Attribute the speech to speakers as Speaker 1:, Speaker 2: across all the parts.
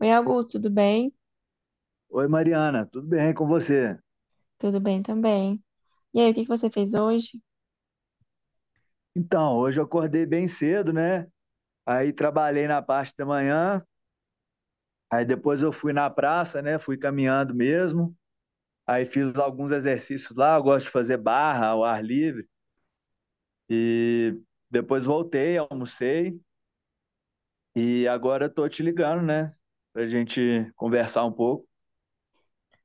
Speaker 1: Oi, Augusto, tudo bem?
Speaker 2: Oi, Mariana, tudo bem com você?
Speaker 1: Tudo bem também. E aí, o que que você fez hoje?
Speaker 2: Então, hoje eu acordei bem cedo, né? Aí trabalhei na parte da manhã, aí depois eu fui na praça, né? Fui caminhando mesmo. Aí fiz alguns exercícios lá, eu gosto de fazer barra ao ar livre. E depois voltei, almocei e agora eu tô te ligando, né? Pra gente conversar um pouco.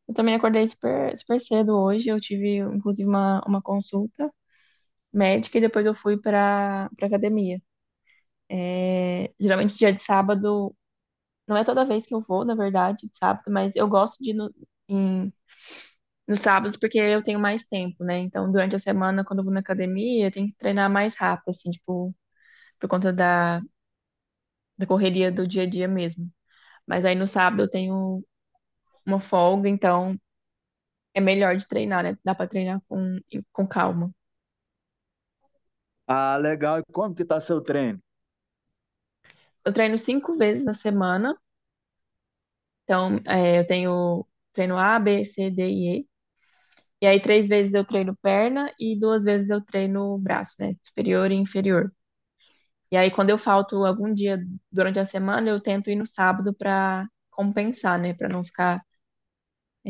Speaker 1: Eu também acordei super, super cedo hoje. Eu tive, inclusive, uma consulta médica e depois eu fui para academia. É, geralmente, dia de sábado, não é toda vez que eu vou, na verdade, de sábado, mas eu gosto de ir no, em, nos sábados porque eu tenho mais tempo, né? Então, durante a semana, quando eu vou na academia, eu tenho que treinar mais rápido, assim, tipo, por conta da correria do dia a dia mesmo. Mas aí no sábado eu tenho uma folga, então é melhor de treinar, né? Dá pra treinar com calma.
Speaker 2: Ah, legal. E como que tá seu treino?
Speaker 1: Eu treino cinco vezes na semana, então é, eu tenho treino A, B, C, D e E. E aí três vezes eu treino perna e duas vezes eu treino braço, né? Superior e inferior. E aí quando eu falto algum dia durante a semana, eu tento ir no sábado pra compensar, né? Pra não ficar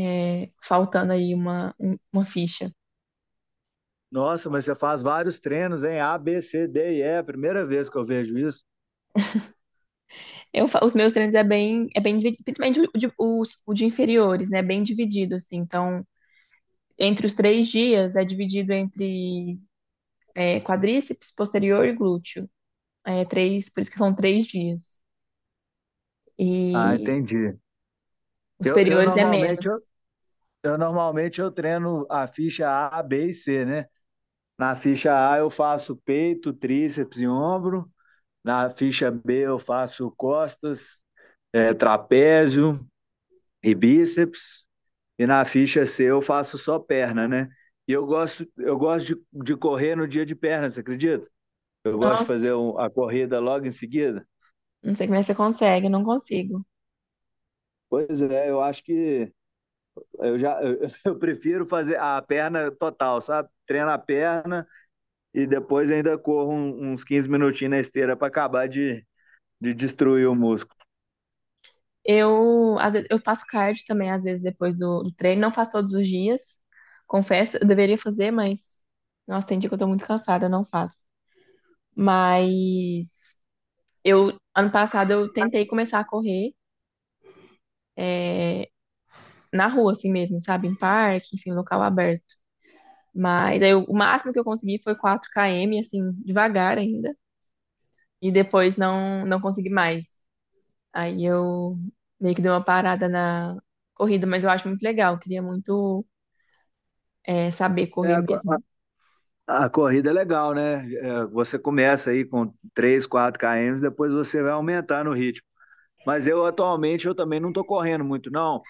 Speaker 1: é, faltando aí uma ficha.
Speaker 2: Nossa, mas você faz vários treinos, hein? A, B, C, D e E. É a primeira vez que eu vejo isso.
Speaker 1: Os meus treinos é bem dividido, principalmente o de inferiores, né? Bem dividido, assim. Então entre os 3 dias é dividido entre é, quadríceps, posterior e glúteo. É três, por isso que são 3 dias.
Speaker 2: Ah,
Speaker 1: E
Speaker 2: entendi.
Speaker 1: os
Speaker 2: Eu
Speaker 1: superiores é
Speaker 2: normalmente eu,
Speaker 1: menos.
Speaker 2: eu normalmente eu treino a ficha A, B e C, né? Na ficha A eu faço peito, tríceps e ombro. Na ficha B eu faço costas, trapézio e bíceps. E na ficha C eu faço só perna, né? E eu gosto de correr no dia de perna, você acredita? Eu gosto de fazer
Speaker 1: Nossa,
Speaker 2: a corrida logo em seguida.
Speaker 1: não sei como é que você consegue, eu não consigo.
Speaker 2: Pois é, eu acho que eu já prefiro fazer a perna total, sabe? Treino a perna. E depois ainda corro uns 15 minutinhos na esteira para acabar de destruir o músculo.
Speaker 1: Eu, às vezes, eu faço cardio também, às vezes, depois do treino. Não faço todos os dias, confesso. Eu deveria fazer, mas... Nossa, tem dia que eu tô muito cansada, eu não faço. Mas eu, ano passado, eu tentei começar a correr na rua, assim mesmo, sabe? Em parque, enfim, local aberto. Mas aí, o máximo que eu consegui foi 4 km, assim, devagar ainda. E depois não, não consegui mais. Aí eu meio que dei uma parada na corrida, mas eu acho muito legal. Eu queria muito, é, saber
Speaker 2: É,
Speaker 1: correr
Speaker 2: a,
Speaker 1: mesmo.
Speaker 2: a corrida é legal, né? É, você começa aí com 3 4 km, depois você vai aumentar no ritmo. Mas eu atualmente eu também não estou correndo muito, não,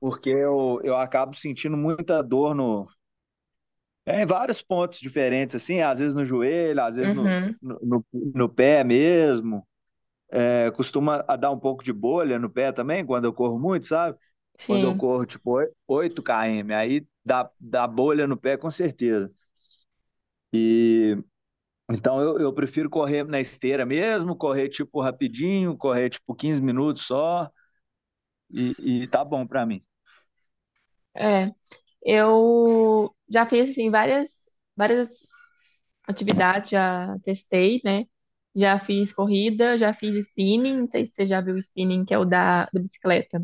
Speaker 2: porque eu acabo sentindo muita dor no, é, em vários pontos diferentes, assim, às vezes no joelho, às vezes no,
Speaker 1: Uhum,
Speaker 2: no, no- no pé mesmo. É, costuma a dar um pouco de bolha no pé também, quando eu corro muito, sabe? Quando eu
Speaker 1: sim.
Speaker 2: corro, tipo, 8 km, aí dá bolha no pé, com certeza. Então, eu prefiro correr na esteira mesmo, correr, tipo, rapidinho, correr, tipo, 15 minutos só, e tá bom pra mim.
Speaker 1: É. Eu já fiz, assim, várias atividades, já testei, né? Já fiz corrida, já fiz spinning. Não sei se você já viu o spinning, que é o da bicicleta.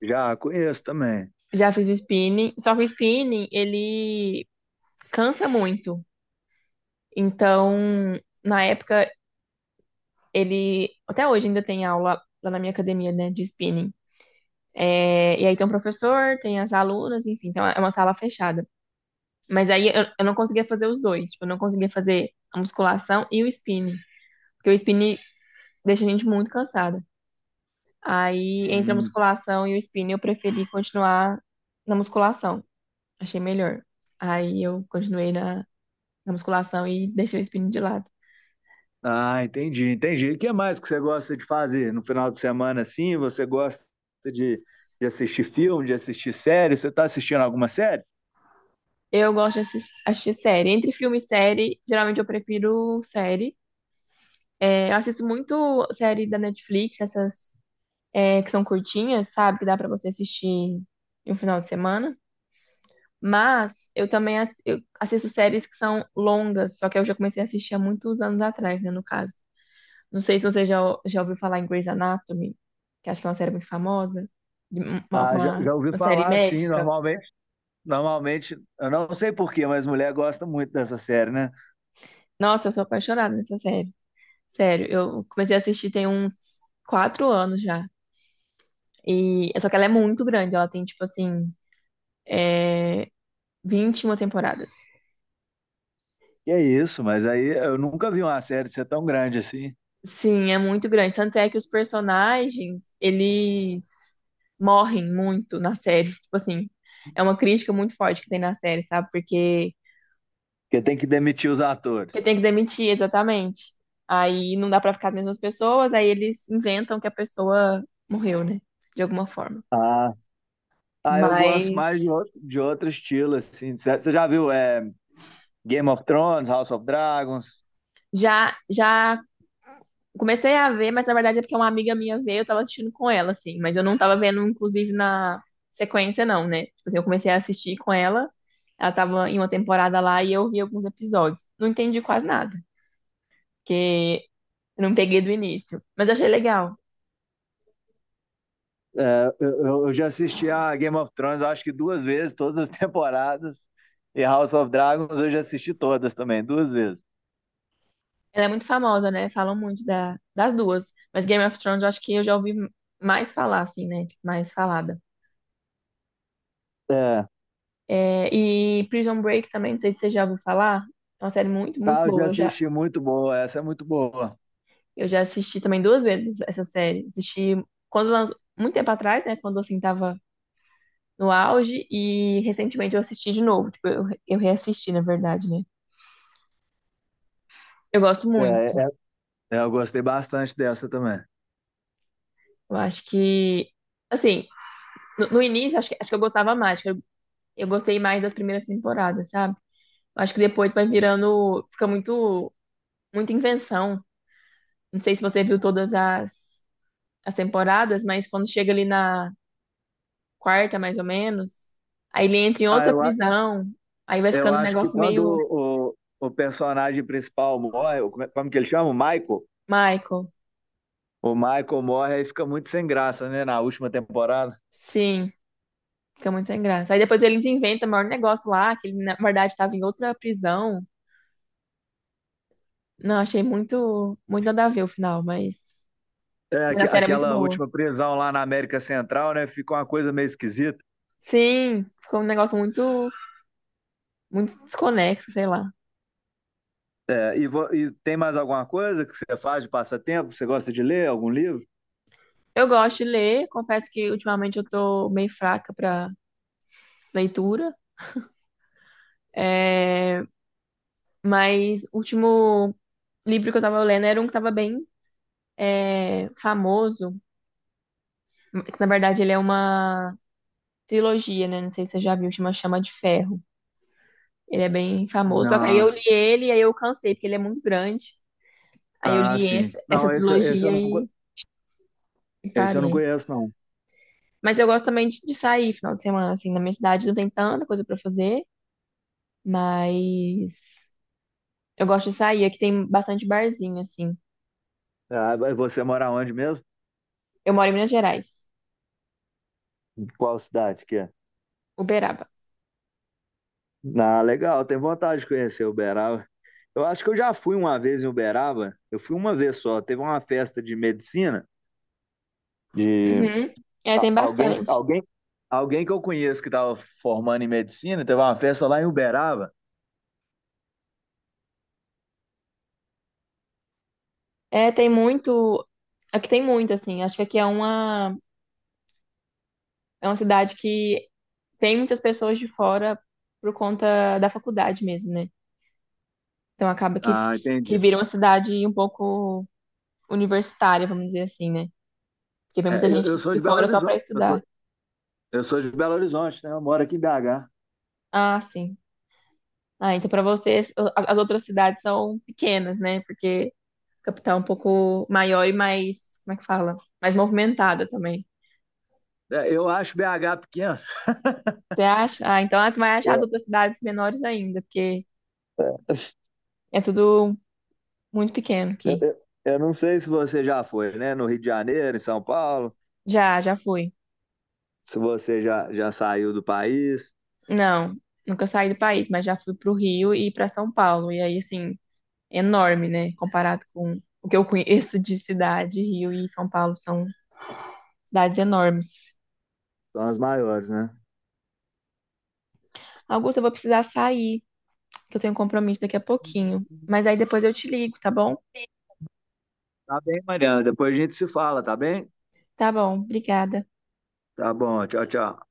Speaker 2: Já conheço também.
Speaker 1: Já fiz o spinning. Só que o spinning, ele cansa muito. Então, na época, ele. Até hoje ainda tem aula lá na minha academia, né, de spinning. É, e aí tem o professor, tem as alunas, enfim, então é uma sala fechada. Mas aí eu não conseguia fazer os dois. Tipo, eu não conseguia fazer a musculação e o spinning. Porque o spinning deixa a gente muito cansada. Aí, entre a
Speaker 2: Hum.
Speaker 1: musculação e o spinning, eu preferi continuar na musculação. Achei melhor. Aí eu continuei na musculação e deixei o spinning de lado.
Speaker 2: Ah, entendi, entendi. E o que mais que você gosta de fazer no final de semana, assim? Você gosta de, de assistir filme, de assistir série? Você tá assistindo alguma série?
Speaker 1: Eu gosto de assistir série. Entre filme e série, geralmente eu prefiro série. É, eu assisto muito série da Netflix, essas é, que são curtinhas, sabe? Que dá pra você assistir em um final de semana. Mas eu também eu assisto séries que são longas, só que eu já comecei a assistir há muitos anos atrás, né, no caso. Não sei se você já, ou- já ouviu falar em Grey's Anatomy, que acho que é uma série muito famosa, de- uma,
Speaker 2: Ah, já,
Speaker 1: uma
Speaker 2: já ouvi
Speaker 1: uma série
Speaker 2: falar, assim.
Speaker 1: médica.
Speaker 2: Normalmente eu não sei por quê, mas mulher gosta muito dessa série, né?
Speaker 1: Nossa, eu sou apaixonada nessa série. Sério, eu comecei a assistir tem uns 4 anos já. E só que ela é muito grande, ela tem tipo assim 21 temporadas.
Speaker 2: Que é isso, mas aí eu nunca vi uma série ser tão grande assim,
Speaker 1: Sim, é muito grande. Tanto é que os personagens, eles morrem muito na série. Tipo assim, é uma crítica muito forte que tem na série, sabe? Porque,
Speaker 2: porque tem que demitir os
Speaker 1: porque
Speaker 2: atores.
Speaker 1: tem que demitir, exatamente. Aí não dá pra ficar as mesmas pessoas, aí eles inventam que a pessoa morreu, né? De alguma forma.
Speaker 2: Ah, ah, eu gosto mais
Speaker 1: Mas
Speaker 2: de outro estilo, assim, de série. Você já viu Game of Thrones, House of Dragons?
Speaker 1: já comecei a ver, mas na verdade é porque uma amiga minha veio, eu tava assistindo com ela, assim. Mas eu não tava vendo, inclusive, na sequência, não, né? Tipo assim, eu comecei a assistir com ela, ela tava em uma temporada lá e eu vi alguns episódios. Não entendi quase nada, porque eu não peguei do início. Mas achei legal.
Speaker 2: É, já assisti a Game of Thrones, acho que duas vezes, todas as temporadas. E House of Dragons eu já assisti todas também, duas vezes.
Speaker 1: Ela é muito famosa, né? Falam muito das duas. Mas Game of Thrones eu acho que eu já ouvi mais falar, assim, né? Tipo, mais falada.
Speaker 2: É.
Speaker 1: É, e Prison Break também, não sei se você já ouviu falar. É uma série muito, muito
Speaker 2: Ah, eu já
Speaker 1: boa. Eu já
Speaker 2: assisti, muito boa. Essa é muito boa.
Speaker 1: Eu já assisti também duas vezes essa série. Assisti quando lançou- muito tempo atrás, né? Quando assim tava no auge, e recentemente eu assisti de novo. Tipo, eu reassisti, na verdade, né? Eu gosto
Speaker 2: É,
Speaker 1: muito.
Speaker 2: é- eu gostei bastante dessa também.
Speaker 1: Eu acho que, assim, no início, acho que eu gostava mais. Acho que eu gostei mais das primeiras temporadas, sabe? Eu acho que depois vai virando. Fica muito, muita invenção. Não sei se você viu todas as, as temporadas, mas quando chega ali na quarta, mais ou menos. Aí ele entra em
Speaker 2: Ah,
Speaker 1: outra prisão. Aí vai
Speaker 2: Eu
Speaker 1: ficando um
Speaker 2: acho que
Speaker 1: negócio
Speaker 2: quando
Speaker 1: meio
Speaker 2: o personagem principal morre, como, como que ele chama? O Michael?
Speaker 1: Michael.
Speaker 2: O Michael morre aí fica muito sem graça, né? Na última temporada.
Speaker 1: Sim, fica muito sem graça. Aí depois eles inventam o maior negócio lá, que ele na verdade estava em outra prisão. Não, achei muito, muito nada a ver o final,
Speaker 2: É,
Speaker 1: mas a série é muito
Speaker 2: aquela
Speaker 1: boa.
Speaker 2: última prisão lá na América Central, né? Fica uma coisa meio esquisita.
Speaker 1: Sim, ficou um negócio muito, muito desconexo, sei lá.
Speaker 2: É, e tem mais alguma coisa que você faz de passatempo? Você gosta de ler algum livro?
Speaker 1: Eu gosto de ler, confesso que ultimamente eu tô meio fraca pra leitura, mas o último livro que eu tava lendo era um que tava bem é, famoso. É que, na verdade, ele é uma trilogia, né? Não sei se você já viu, chama Chama de Ferro. Ele é bem famoso. Só que aí
Speaker 2: Não.
Speaker 1: eu li ele e aí eu cansei, porque ele é muito grande. Aí eu
Speaker 2: Ah,
Speaker 1: li
Speaker 2: sim.
Speaker 1: essa
Speaker 2: Não, esse
Speaker 1: trilogia
Speaker 2: eu não,
Speaker 1: e
Speaker 2: esse eu não
Speaker 1: parei.
Speaker 2: conheço, não.
Speaker 1: Mas eu gosto também de sair final de semana, assim. Na minha cidade não tem tanta coisa pra fazer, mas eu gosto de sair. Aqui tem bastante barzinho, assim.
Speaker 2: Ah, mas você mora onde mesmo?
Speaker 1: Eu moro em Minas Gerais,
Speaker 2: Qual cidade que é?
Speaker 1: Uberaba.
Speaker 2: Ah, legal, tem vontade de conhecer Uberaba. Eu acho que eu já fui uma vez em Uberaba. Eu fui uma vez só. Teve uma festa de medicina de
Speaker 1: Uhum. É, tem
Speaker 2: alguém,
Speaker 1: bastante.
Speaker 2: alguém, alguém que eu conheço que estava formando em medicina. Teve uma festa lá em Uberaba.
Speaker 1: É, tem muito. Aqui tem muito, assim. Acho que aqui é é uma cidade que, tem muitas pessoas de fora por conta da faculdade mesmo, né? Então acaba
Speaker 2: Ah,
Speaker 1: que
Speaker 2: entendi.
Speaker 1: vira uma cidade um pouco universitária, vamos dizer assim, né? Porque vem muita
Speaker 2: É, eu
Speaker 1: gente
Speaker 2: sou
Speaker 1: de
Speaker 2: de Belo
Speaker 1: fora só para
Speaker 2: Horizonte. Eu sou,
Speaker 1: estudar.
Speaker 2: eu sou de Belo Horizonte, né? Eu moro aqui em BH.
Speaker 1: Ah, sim. Ah, então para vocês o- as outras cidades são pequenas, né? Porque a capital é um pouco maior e mais, como é que fala? Mais movimentada também.
Speaker 2: É, eu acho BH pequeno.
Speaker 1: Você acha? Ah, então você vai achar as
Speaker 2: Eu,
Speaker 1: outras cidades menores ainda, porque é tudo muito pequeno
Speaker 2: eu,
Speaker 1: aqui.
Speaker 2: eu- eu não sei se você já foi, né? No Rio de Janeiro, em São Paulo.
Speaker 1: Já, já fui.
Speaker 2: Se você já saiu do país.
Speaker 1: Não, nunca saí do país, mas já fui pro Rio e para São Paulo. E aí, assim, enorme, né? Comparado com o que eu conheço de cidade, Rio e São Paulo são cidades enormes.
Speaker 2: São as maiores, né?
Speaker 1: Augusto, eu vou precisar sair, que eu tenho um compromisso daqui a pouquinho. Mas aí depois eu te ligo, tá bom?
Speaker 2: Tá bem, Mariana. Depois a gente se fala, tá bem?
Speaker 1: Tá bom, obrigada.
Speaker 2: Tá bom, tchau, tchau.